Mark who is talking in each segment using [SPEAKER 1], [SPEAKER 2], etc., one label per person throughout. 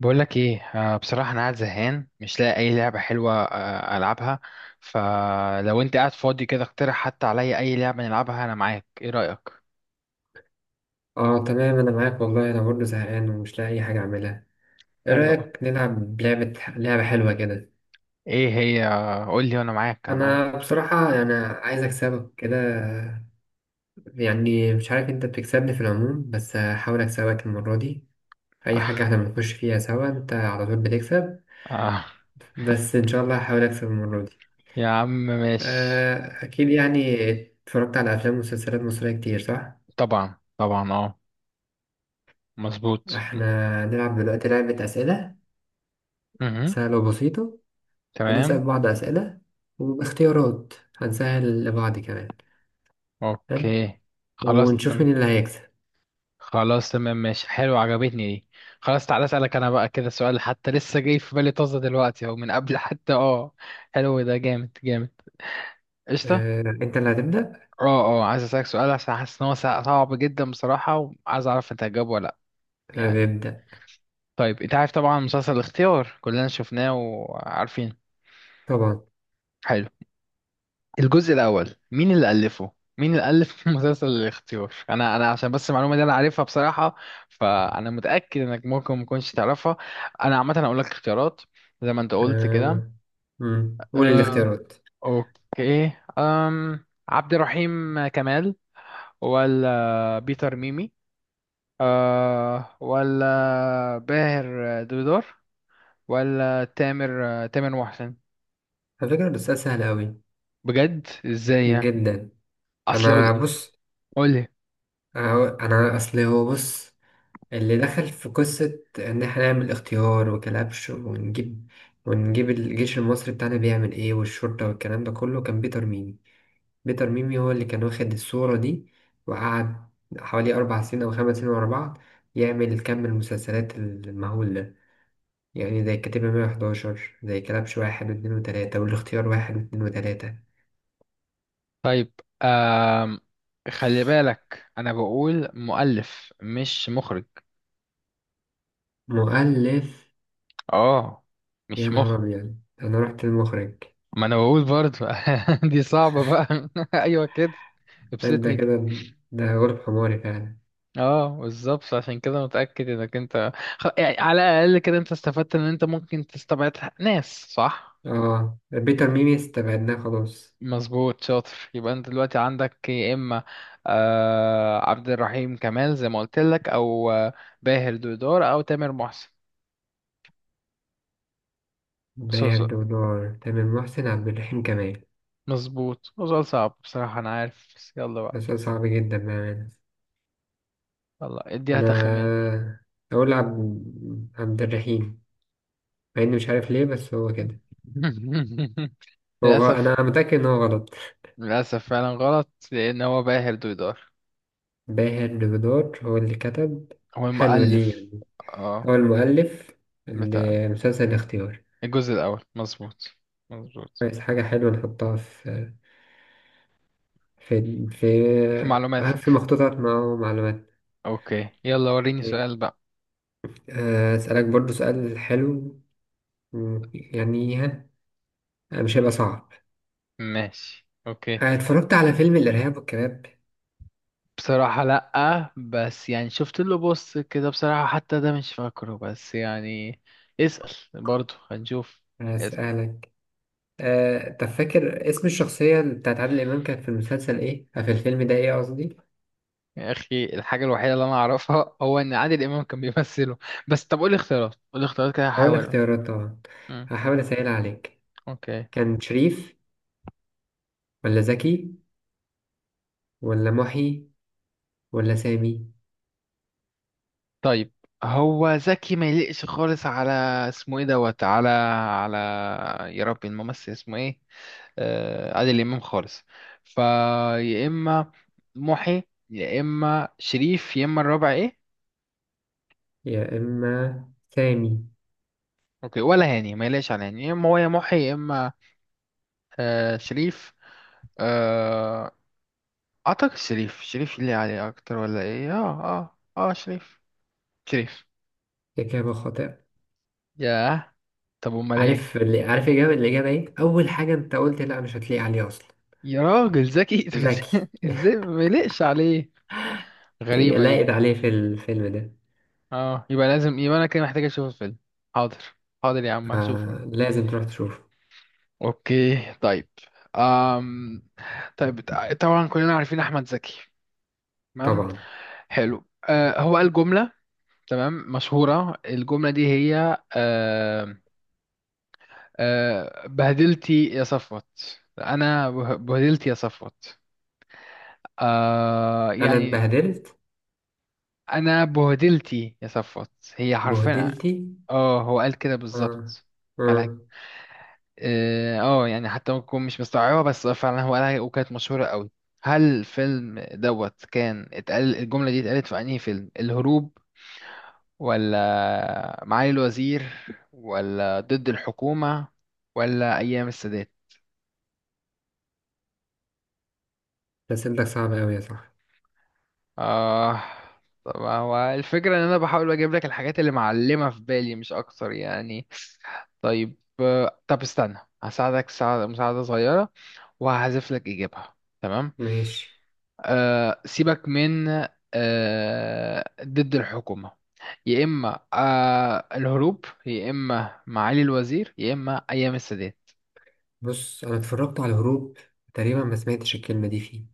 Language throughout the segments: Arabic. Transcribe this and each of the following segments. [SPEAKER 1] بقول لك ايه. آه، بصراحة انا قاعد زهقان مش لاقي اي لعبة حلوة العبها. فلو انت قاعد فاضي كده اقترح حتى عليا اي لعبة نلعبها انا معاك، ايه رأيك؟
[SPEAKER 2] اه تمام، انا معاك والله، انا برضه زهقان ومش لاقي اي حاجه اعملها. ايه
[SPEAKER 1] حلوة أوي.
[SPEAKER 2] رايك نلعب لعبه حلوه كده؟
[SPEAKER 1] ايه هي؟ قول لي وانا معاك انا معاك.
[SPEAKER 2] انا بصراحه يعني عايز اكسبك كده. يعني مش عارف، انت بتكسبني في العموم، بس هحاول اكسبك المره دي. في اي حاجه احنا بنخش فيها سوا، انت على طول بتكسب.
[SPEAKER 1] آه،
[SPEAKER 2] بس ان شاء الله هحاول اكسب المره دي.
[SPEAKER 1] يا عم ماشي.
[SPEAKER 2] اكيد يعني اتفرجت على افلام ومسلسلات مصريه كتير، صح؟
[SPEAKER 1] طبعا طبعا اه، مظبوط.
[SPEAKER 2] احنا نلعب دلوقتي لعبه اسئله
[SPEAKER 1] مهم.
[SPEAKER 2] سهله وبسيطه.
[SPEAKER 1] تمام.
[SPEAKER 2] هنسأل بعض أسئلة وباختيارات هنسهل لبعض كمان. حلو،
[SPEAKER 1] اوكي. خلاص
[SPEAKER 2] ونشوف مين
[SPEAKER 1] تمام.
[SPEAKER 2] اللي هيكسب.
[SPEAKER 1] خلاص تمام ماشي حلو، عجبتني دي. خلاص تعالى اسألك انا بقى كده سؤال، حتى لسه جاي في بالي طازة دلوقتي اهو من قبل حتى اه. حلو ده، جامد جامد. قشطة.
[SPEAKER 2] أنت اللي هتبدأ.
[SPEAKER 1] اه. اه عايز اسألك سؤال عشان حاسس ان هو صعب جدا بصراحة، وعايز اعرف انت هتجاوبه ولا لا.
[SPEAKER 2] أنا
[SPEAKER 1] يعني
[SPEAKER 2] بيبدأ.
[SPEAKER 1] طيب انت عارف طبعا مسلسل الاختيار كلنا شفناه وعارفين.
[SPEAKER 2] طبعا.
[SPEAKER 1] حلو. الجزء الأول مين اللي ألفه؟ مين اللي ألف مسلسل الاختيار؟ أنا عشان بس المعلومة دي أنا عارفها بصراحة، فأنا متأكد إنك ممكن ما تكونش تعرفها. أنا عامة هقول لك اختيارات زي ما أنت قلت كده.
[SPEAKER 2] آه، مم. قول
[SPEAKER 1] أه.
[SPEAKER 2] الاختيارات.
[SPEAKER 1] أوكي. أم عبد الرحيم كمال، ولا بيتر ميمي، أه ولا باهر دودار، ولا تامر محسن.
[SPEAKER 2] على فكرة ده سؤال سهل أوي،
[SPEAKER 1] بجد إزاي يعني؟
[SPEAKER 2] جدا.
[SPEAKER 1] أصل
[SPEAKER 2] أنا
[SPEAKER 1] قول.
[SPEAKER 2] بص
[SPEAKER 1] قول لي.
[SPEAKER 2] أنا أصل هو بص، اللي دخل في قصة إن إحنا نعمل اختيار وكلبش ونجيب الجيش المصري بتاعنا بيعمل إيه، والشرطة والكلام ده كله، كان بيتر ميمي. بيتر ميمي هو اللي كان واخد الصورة دي، وقعد حوالي 4 سنين أو 5 سنين ورا بعض يعمل كم المسلسلات المهول ده. يعني زي الكتيبة 111، زي كلبش واحد واتنين وتلاتة، والاختيار واحد واتنين وتلاتة.
[SPEAKER 1] طيب. آم، خلي بالك انا بقول مؤلف مش مخرج.
[SPEAKER 2] مؤلف.
[SPEAKER 1] اه
[SPEAKER 2] يا
[SPEAKER 1] مش
[SPEAKER 2] نهار
[SPEAKER 1] مخرج.
[SPEAKER 2] أبيض، أنا رحت المخرج.
[SPEAKER 1] ما انا بقول برضه. دي صعبة بقى ايوه كده،
[SPEAKER 2] أنت
[SPEAKER 1] ابسطني كده.
[SPEAKER 2] كده، ده غلب حماري فعلا.
[SPEAKER 1] اه بالظبط، عشان كده متأكد انك انت، يعني على الاقل كده انت استفدت ان انت ممكن تستبعد ناس صح.
[SPEAKER 2] بيتر ميمي استبعدناه خلاص.
[SPEAKER 1] مظبوط شاطر، يبقى انت دلوقتي عندك يا اما آه عبد الرحيم كمال زي ما قلت لك، او باهر دودار، او تامر محسن.
[SPEAKER 2] بيهد ودار، تامر محسن، عبد الرحيم كمال.
[SPEAKER 1] مظبوط، هو سؤال صعب بصراحة أنا عارف، بس يلا بقى.
[SPEAKER 2] بس صعب جدا بأمانة.
[SPEAKER 1] يلا اديها
[SPEAKER 2] انا
[SPEAKER 1] تخمين.
[SPEAKER 2] اقول عبد الرحيم، مع اني مش عارف ليه، بس هو كده.
[SPEAKER 1] للأسف.
[SPEAKER 2] انا متاكد ان هو غلط.
[SPEAKER 1] للأسف فعلا غلط لأن هو باهر دويدار،
[SPEAKER 2] باهر لبدار هو اللي كتب.
[SPEAKER 1] هو
[SPEAKER 2] حلوه دي
[SPEAKER 1] المؤلف.
[SPEAKER 2] يعني.
[SPEAKER 1] اه،
[SPEAKER 2] هو المؤلف
[SPEAKER 1] بتاع
[SPEAKER 2] لمسلسل الاختيار.
[SPEAKER 1] الجزء الأول، مظبوط مظبوط.
[SPEAKER 2] كويس، حاجه حلوه نحطها في في
[SPEAKER 1] في
[SPEAKER 2] في
[SPEAKER 1] معلوماتك.
[SPEAKER 2] مخطوطات مع معلومات.
[SPEAKER 1] أوكي يلا وريني
[SPEAKER 2] ماشي.
[SPEAKER 1] سؤال بقى.
[SPEAKER 2] اسالك برضو سؤال حلو. يعني ها، مش هيبقى صعب.
[SPEAKER 1] ماشي أوكي.
[SPEAKER 2] اتفرجت على فيلم الارهاب والكباب.
[SPEAKER 1] بصراحة لأ، بس يعني شفت له بص كده، بصراحة حتى ده مش فاكره، بس يعني اسأل برضو هنشوف.
[SPEAKER 2] اسالك. طب فاكر اسم الشخصية بتاعت عادل إمام كانت في المسلسل إيه؟ في الفيلم ده إيه قصدي؟
[SPEAKER 1] يا اخي الحاجه الوحيده اللي انا اعرفها هو ان عادل امام كان بيمثله بس، طب قولي اختيارات قولي اختيارات كده
[SPEAKER 2] هقول
[SPEAKER 1] هحاول.
[SPEAKER 2] الاختيارات طبعا.
[SPEAKER 1] امم.
[SPEAKER 2] هحاول أسهل عليك.
[SPEAKER 1] اوكي.
[SPEAKER 2] كان شريف، ولا زكي، ولا محي، ولا سامي؟
[SPEAKER 1] طيب، هو زكي ما يليقش خالص على اسمه ايه دوت، على، على، يا ربي الممثل اسمه ايه، آه عادل امام، خالص. فيا اما محي، يا اما شريف، يا اما الرابع ايه.
[SPEAKER 2] يا إما سامي.
[SPEAKER 1] اوكي ولا هاني؟ ما يليقش على هاني. يا اما هو يا محي يا اما آه شريف. آه، اعتقد شريف. شريف اللي عليه اكتر، ولا ايه؟ اه اه اه شريف. شريف.
[SPEAKER 2] إجابة خاطئة.
[SPEAKER 1] ياه، طب امال ايه؟
[SPEAKER 2] عارف اللي عارف الإجابة إيه؟ أول حاجة أنت قلت لأ، مش هتلاقي عليه أصلا.
[SPEAKER 1] يا راجل ذكي طب
[SPEAKER 2] زكي.
[SPEAKER 1] ازاي؟ إزاي ما يلقش عليه؟
[SPEAKER 2] هي
[SPEAKER 1] غريبة دي.
[SPEAKER 2] لاقت عليه في الفيلم ده.
[SPEAKER 1] اه يبقى لازم، يبقى انا كده محتاج اشوف الفيلم. حاضر. حاضر يا عم هشوفه.
[SPEAKER 2] لازم تروح تشوفه.
[SPEAKER 1] اوكي طيب. أم... طيب، طبعا كلنا عارفين احمد زكي. تمام.
[SPEAKER 2] طبعا.
[SPEAKER 1] حلو أه، هو قال جملة تمام مشهورة، الجملة دي هي، بهدلتي يا صفوت، انا بهدلتي يا صفوت.
[SPEAKER 2] أنا
[SPEAKER 1] يعني
[SPEAKER 2] اتبهدلت.
[SPEAKER 1] انا بهدلتي يا صفوت، هي حرفيا.
[SPEAKER 2] بهدلتي.
[SPEAKER 1] اه هو قال كده
[SPEAKER 2] آه،
[SPEAKER 1] بالظبط، على،
[SPEAKER 2] آه.
[SPEAKER 1] اه يعني حتى ممكن أكون مش مستوعبة بس هو فعلا هو قالها وكانت مشهورة قوي. هل الفيلم دوت كان اتقال الجملة دي؟ اتقالت في انهي فيلم؟ الهروب، ولا معالي الوزير، ولا ضد الحكومة، ولا ايام السادات.
[SPEAKER 2] أسئلتك صعبة أوي يا صاحبي.
[SPEAKER 1] اه طب هو الفكرة ان انا بحاول اجيب لك الحاجات اللي معلمة في بالي مش اكتر يعني. طيب طب استنى هساعدك مساعدة صغيرة وهحذف لك اجابها. تمام.
[SPEAKER 2] ماشي.
[SPEAKER 1] أه سيبك من أه ضد الحكومة. يا اما أه الهروب، يا اما معالي الوزير، يا اما ايام السادات.
[SPEAKER 2] بص، أنا اتفرجت على الهروب، تقريبا ما سمعتش الكلمة دي فيه.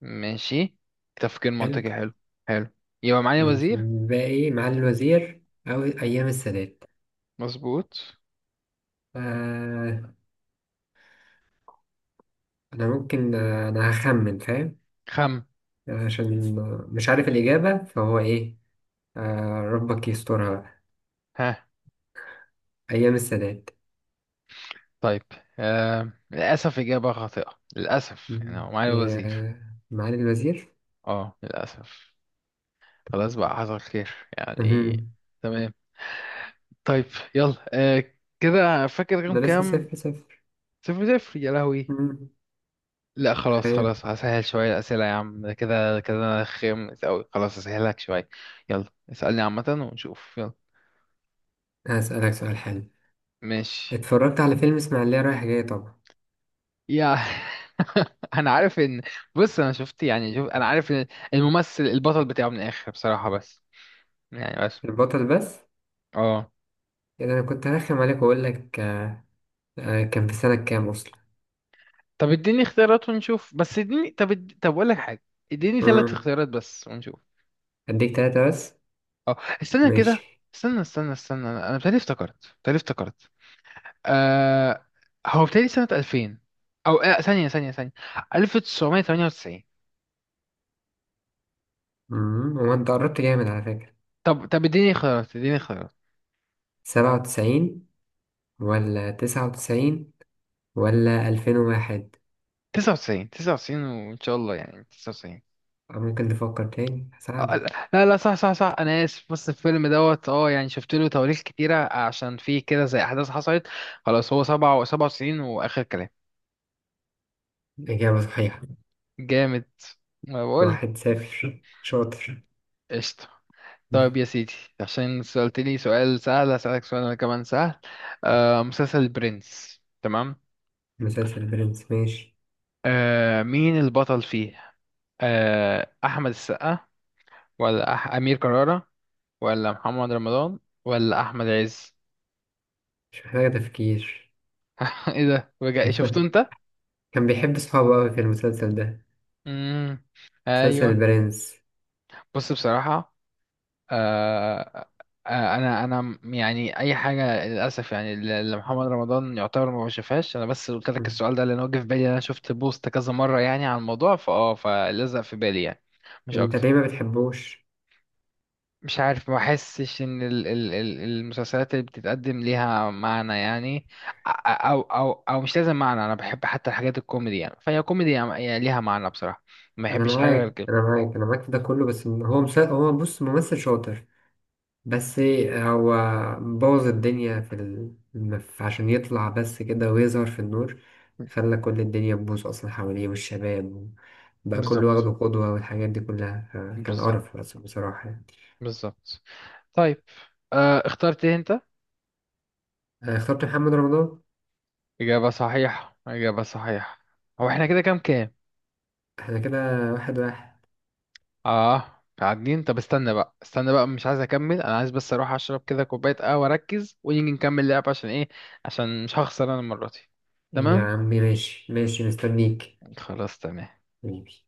[SPEAKER 1] ماشي، تفكير
[SPEAKER 2] حلو.
[SPEAKER 1] منطقي حلو. حلو. يبقى معالي الوزير.
[SPEAKER 2] بقى إيه؟ معالي الوزير أو أيام السادات؟
[SPEAKER 1] مظبوط.
[SPEAKER 2] آه أنا ممكن، أنا هخمن فاهم،
[SPEAKER 1] خم.
[SPEAKER 2] عشان مش عارف الإجابة فهو إيه. ربك يسترها بقى.
[SPEAKER 1] ها.
[SPEAKER 2] أيام السادات.
[SPEAKER 1] طيب، آه للأسف إجابة خاطئة، للأسف. يعني
[SPEAKER 2] مم.
[SPEAKER 1] هو معالي الوزير.
[SPEAKER 2] يا معالي الوزير.
[SPEAKER 1] اه للأسف. خلاص بقى حصل خير يعني.
[SPEAKER 2] مهم.
[SPEAKER 1] تمام. طيب. يلا آه، كده فاكر رقم
[SPEAKER 2] أنا لسه
[SPEAKER 1] كام؟
[SPEAKER 2] 0-0.
[SPEAKER 1] صفر صفر يا لهوي.
[SPEAKER 2] مم.
[SPEAKER 1] لا خلاص
[SPEAKER 2] تخيل.
[SPEAKER 1] خلاص، هسهل شوية الأسئلة يا عم ده كده كده أنا خامس أوي، خلاص هسهلك شوية. يلا اسألني عامة ونشوف يلا.
[SPEAKER 2] هسألك سؤال حلو.
[SPEAKER 1] ماشي.
[SPEAKER 2] اتفرجت على فيلم إسماعيلية رايح جاي طبعا.
[SPEAKER 1] يا أنا عارف إن، بص أنا شفت يعني، شوف أنا عارف إن الممثل البطل بتاعه من الآخر بصراحة، بس يعني.
[SPEAKER 2] البطل بس؟
[SPEAKER 1] اه.
[SPEAKER 2] يعني انا كنت هرخم عليك واقول لك، كان في سنة كام اصلا.
[SPEAKER 1] طب اديني اختيارات ونشوف بس، اديني طب طب اقول لك حاجه. اديني ثلاث
[SPEAKER 2] مم.
[SPEAKER 1] اختيارات بس ونشوف.
[SPEAKER 2] اديك تلاتة بس.
[SPEAKER 1] اه. استنى كده.
[SPEAKER 2] ماشي.
[SPEAKER 1] استنى استنى استنى أنا بتهيألي افتكرت بتهيألي افتكرت. آه... هو بتهيألي سنه 2000، او آه... ثانيه ثانيه ثانيه. 1998.
[SPEAKER 2] مم. هو انت قربت جامد على فكرة.
[SPEAKER 1] طب طب اديني اختيارات اديني اختيارات.
[SPEAKER 2] 97، ولا 99، ولا 2001؟
[SPEAKER 1] 99، 99 وان شاء الله، يعني 99.
[SPEAKER 2] ممكن تفكر تاني،
[SPEAKER 1] آه، آه،
[SPEAKER 2] هساعدك.
[SPEAKER 1] لا لا صح صح صح انا اسف، بص الفيلم دوت اه يعني شفت له تواريخ كتيره عشان فيه كده زي احداث حصلت. خلاص هو 97 واخر كلام.
[SPEAKER 2] إجابة صحيحة.
[SPEAKER 1] جامد، ما بقول.
[SPEAKER 2] 1-0، شاطر.
[SPEAKER 1] قشطة. طيب يا سيدي، عشان سألتني سؤال سهل هسألك سؤال أنا كمان سهل. آه مسلسل البرنس، تمام.
[SPEAKER 2] مسلسل برنس، ماشي.
[SPEAKER 1] آه مين البطل فيه؟ آه أحمد السقا، ولا أمير كرارة، ولا محمد رمضان، ولا أحمد عز.
[SPEAKER 2] مش محتاج تفكير.
[SPEAKER 1] إيه ده، بجد شفته أنت؟
[SPEAKER 2] كان بيحب صحابه أوي في المسلسل ده.
[SPEAKER 1] مم.
[SPEAKER 2] مسلسل
[SPEAKER 1] أيوه.
[SPEAKER 2] البرنس.
[SPEAKER 1] بص بصراحة، آه، آه، انا يعني اي حاجه للاسف يعني اللي محمد رمضان يعتبر ما بشوفهاش انا، بس قلت لك السؤال ده لان هو جه في بالي، انا شفت بوست كذا مره يعني عن الموضوع فاه فلزق في بالي يعني، مش
[SPEAKER 2] انت
[SPEAKER 1] اكتر.
[SPEAKER 2] ليه ما بتحبوش؟
[SPEAKER 1] مش عارف، ما بحسش ان ال المسلسلات اللي بتتقدم ليها معنى يعني. او مش لازم معنى، انا بحب حتى الحاجات الكوميدي، يعني فهي كوميدي يعني، يعني ليها معنى بصراحه. ما
[SPEAKER 2] انا
[SPEAKER 1] بحبش حاجه غير
[SPEAKER 2] معاك،
[SPEAKER 1] كده.
[SPEAKER 2] انا معاك، انا معاك في ده كله، بس هو هو بص ممثل شاطر. بس هو بوظ الدنيا عشان يطلع بس كده ويظهر في النور. خلى كل الدنيا تبوظ اصلا حواليه، والشباب بقى كله
[SPEAKER 1] بالظبط
[SPEAKER 2] واخده قدوة، والحاجات دي كلها، فكان
[SPEAKER 1] بالظبط
[SPEAKER 2] قرف بس بصراحة يعني.
[SPEAKER 1] بالظبط. طيب، آه، اخترت إيه انت؟
[SPEAKER 2] أنا اخترت محمد رمضان.
[SPEAKER 1] إجابة صحيحة إجابة صحيحة. هو احنا كده كام كام؟
[SPEAKER 2] احنا كده 1-1.
[SPEAKER 1] اه قاعدين. طب استنى بقى، استنى بقى مش عايز اكمل، انا عايز بس اروح اشرب كده كوباية قهوة اركز ونيجي نكمل لعب، عشان ايه؟ عشان مش هخسر انا المرة دي.
[SPEAKER 2] يا
[SPEAKER 1] تمام.
[SPEAKER 2] عمي ماشي ماشي، مستنيك.
[SPEAKER 1] خلاص تمام.
[SPEAKER 2] حبيبي.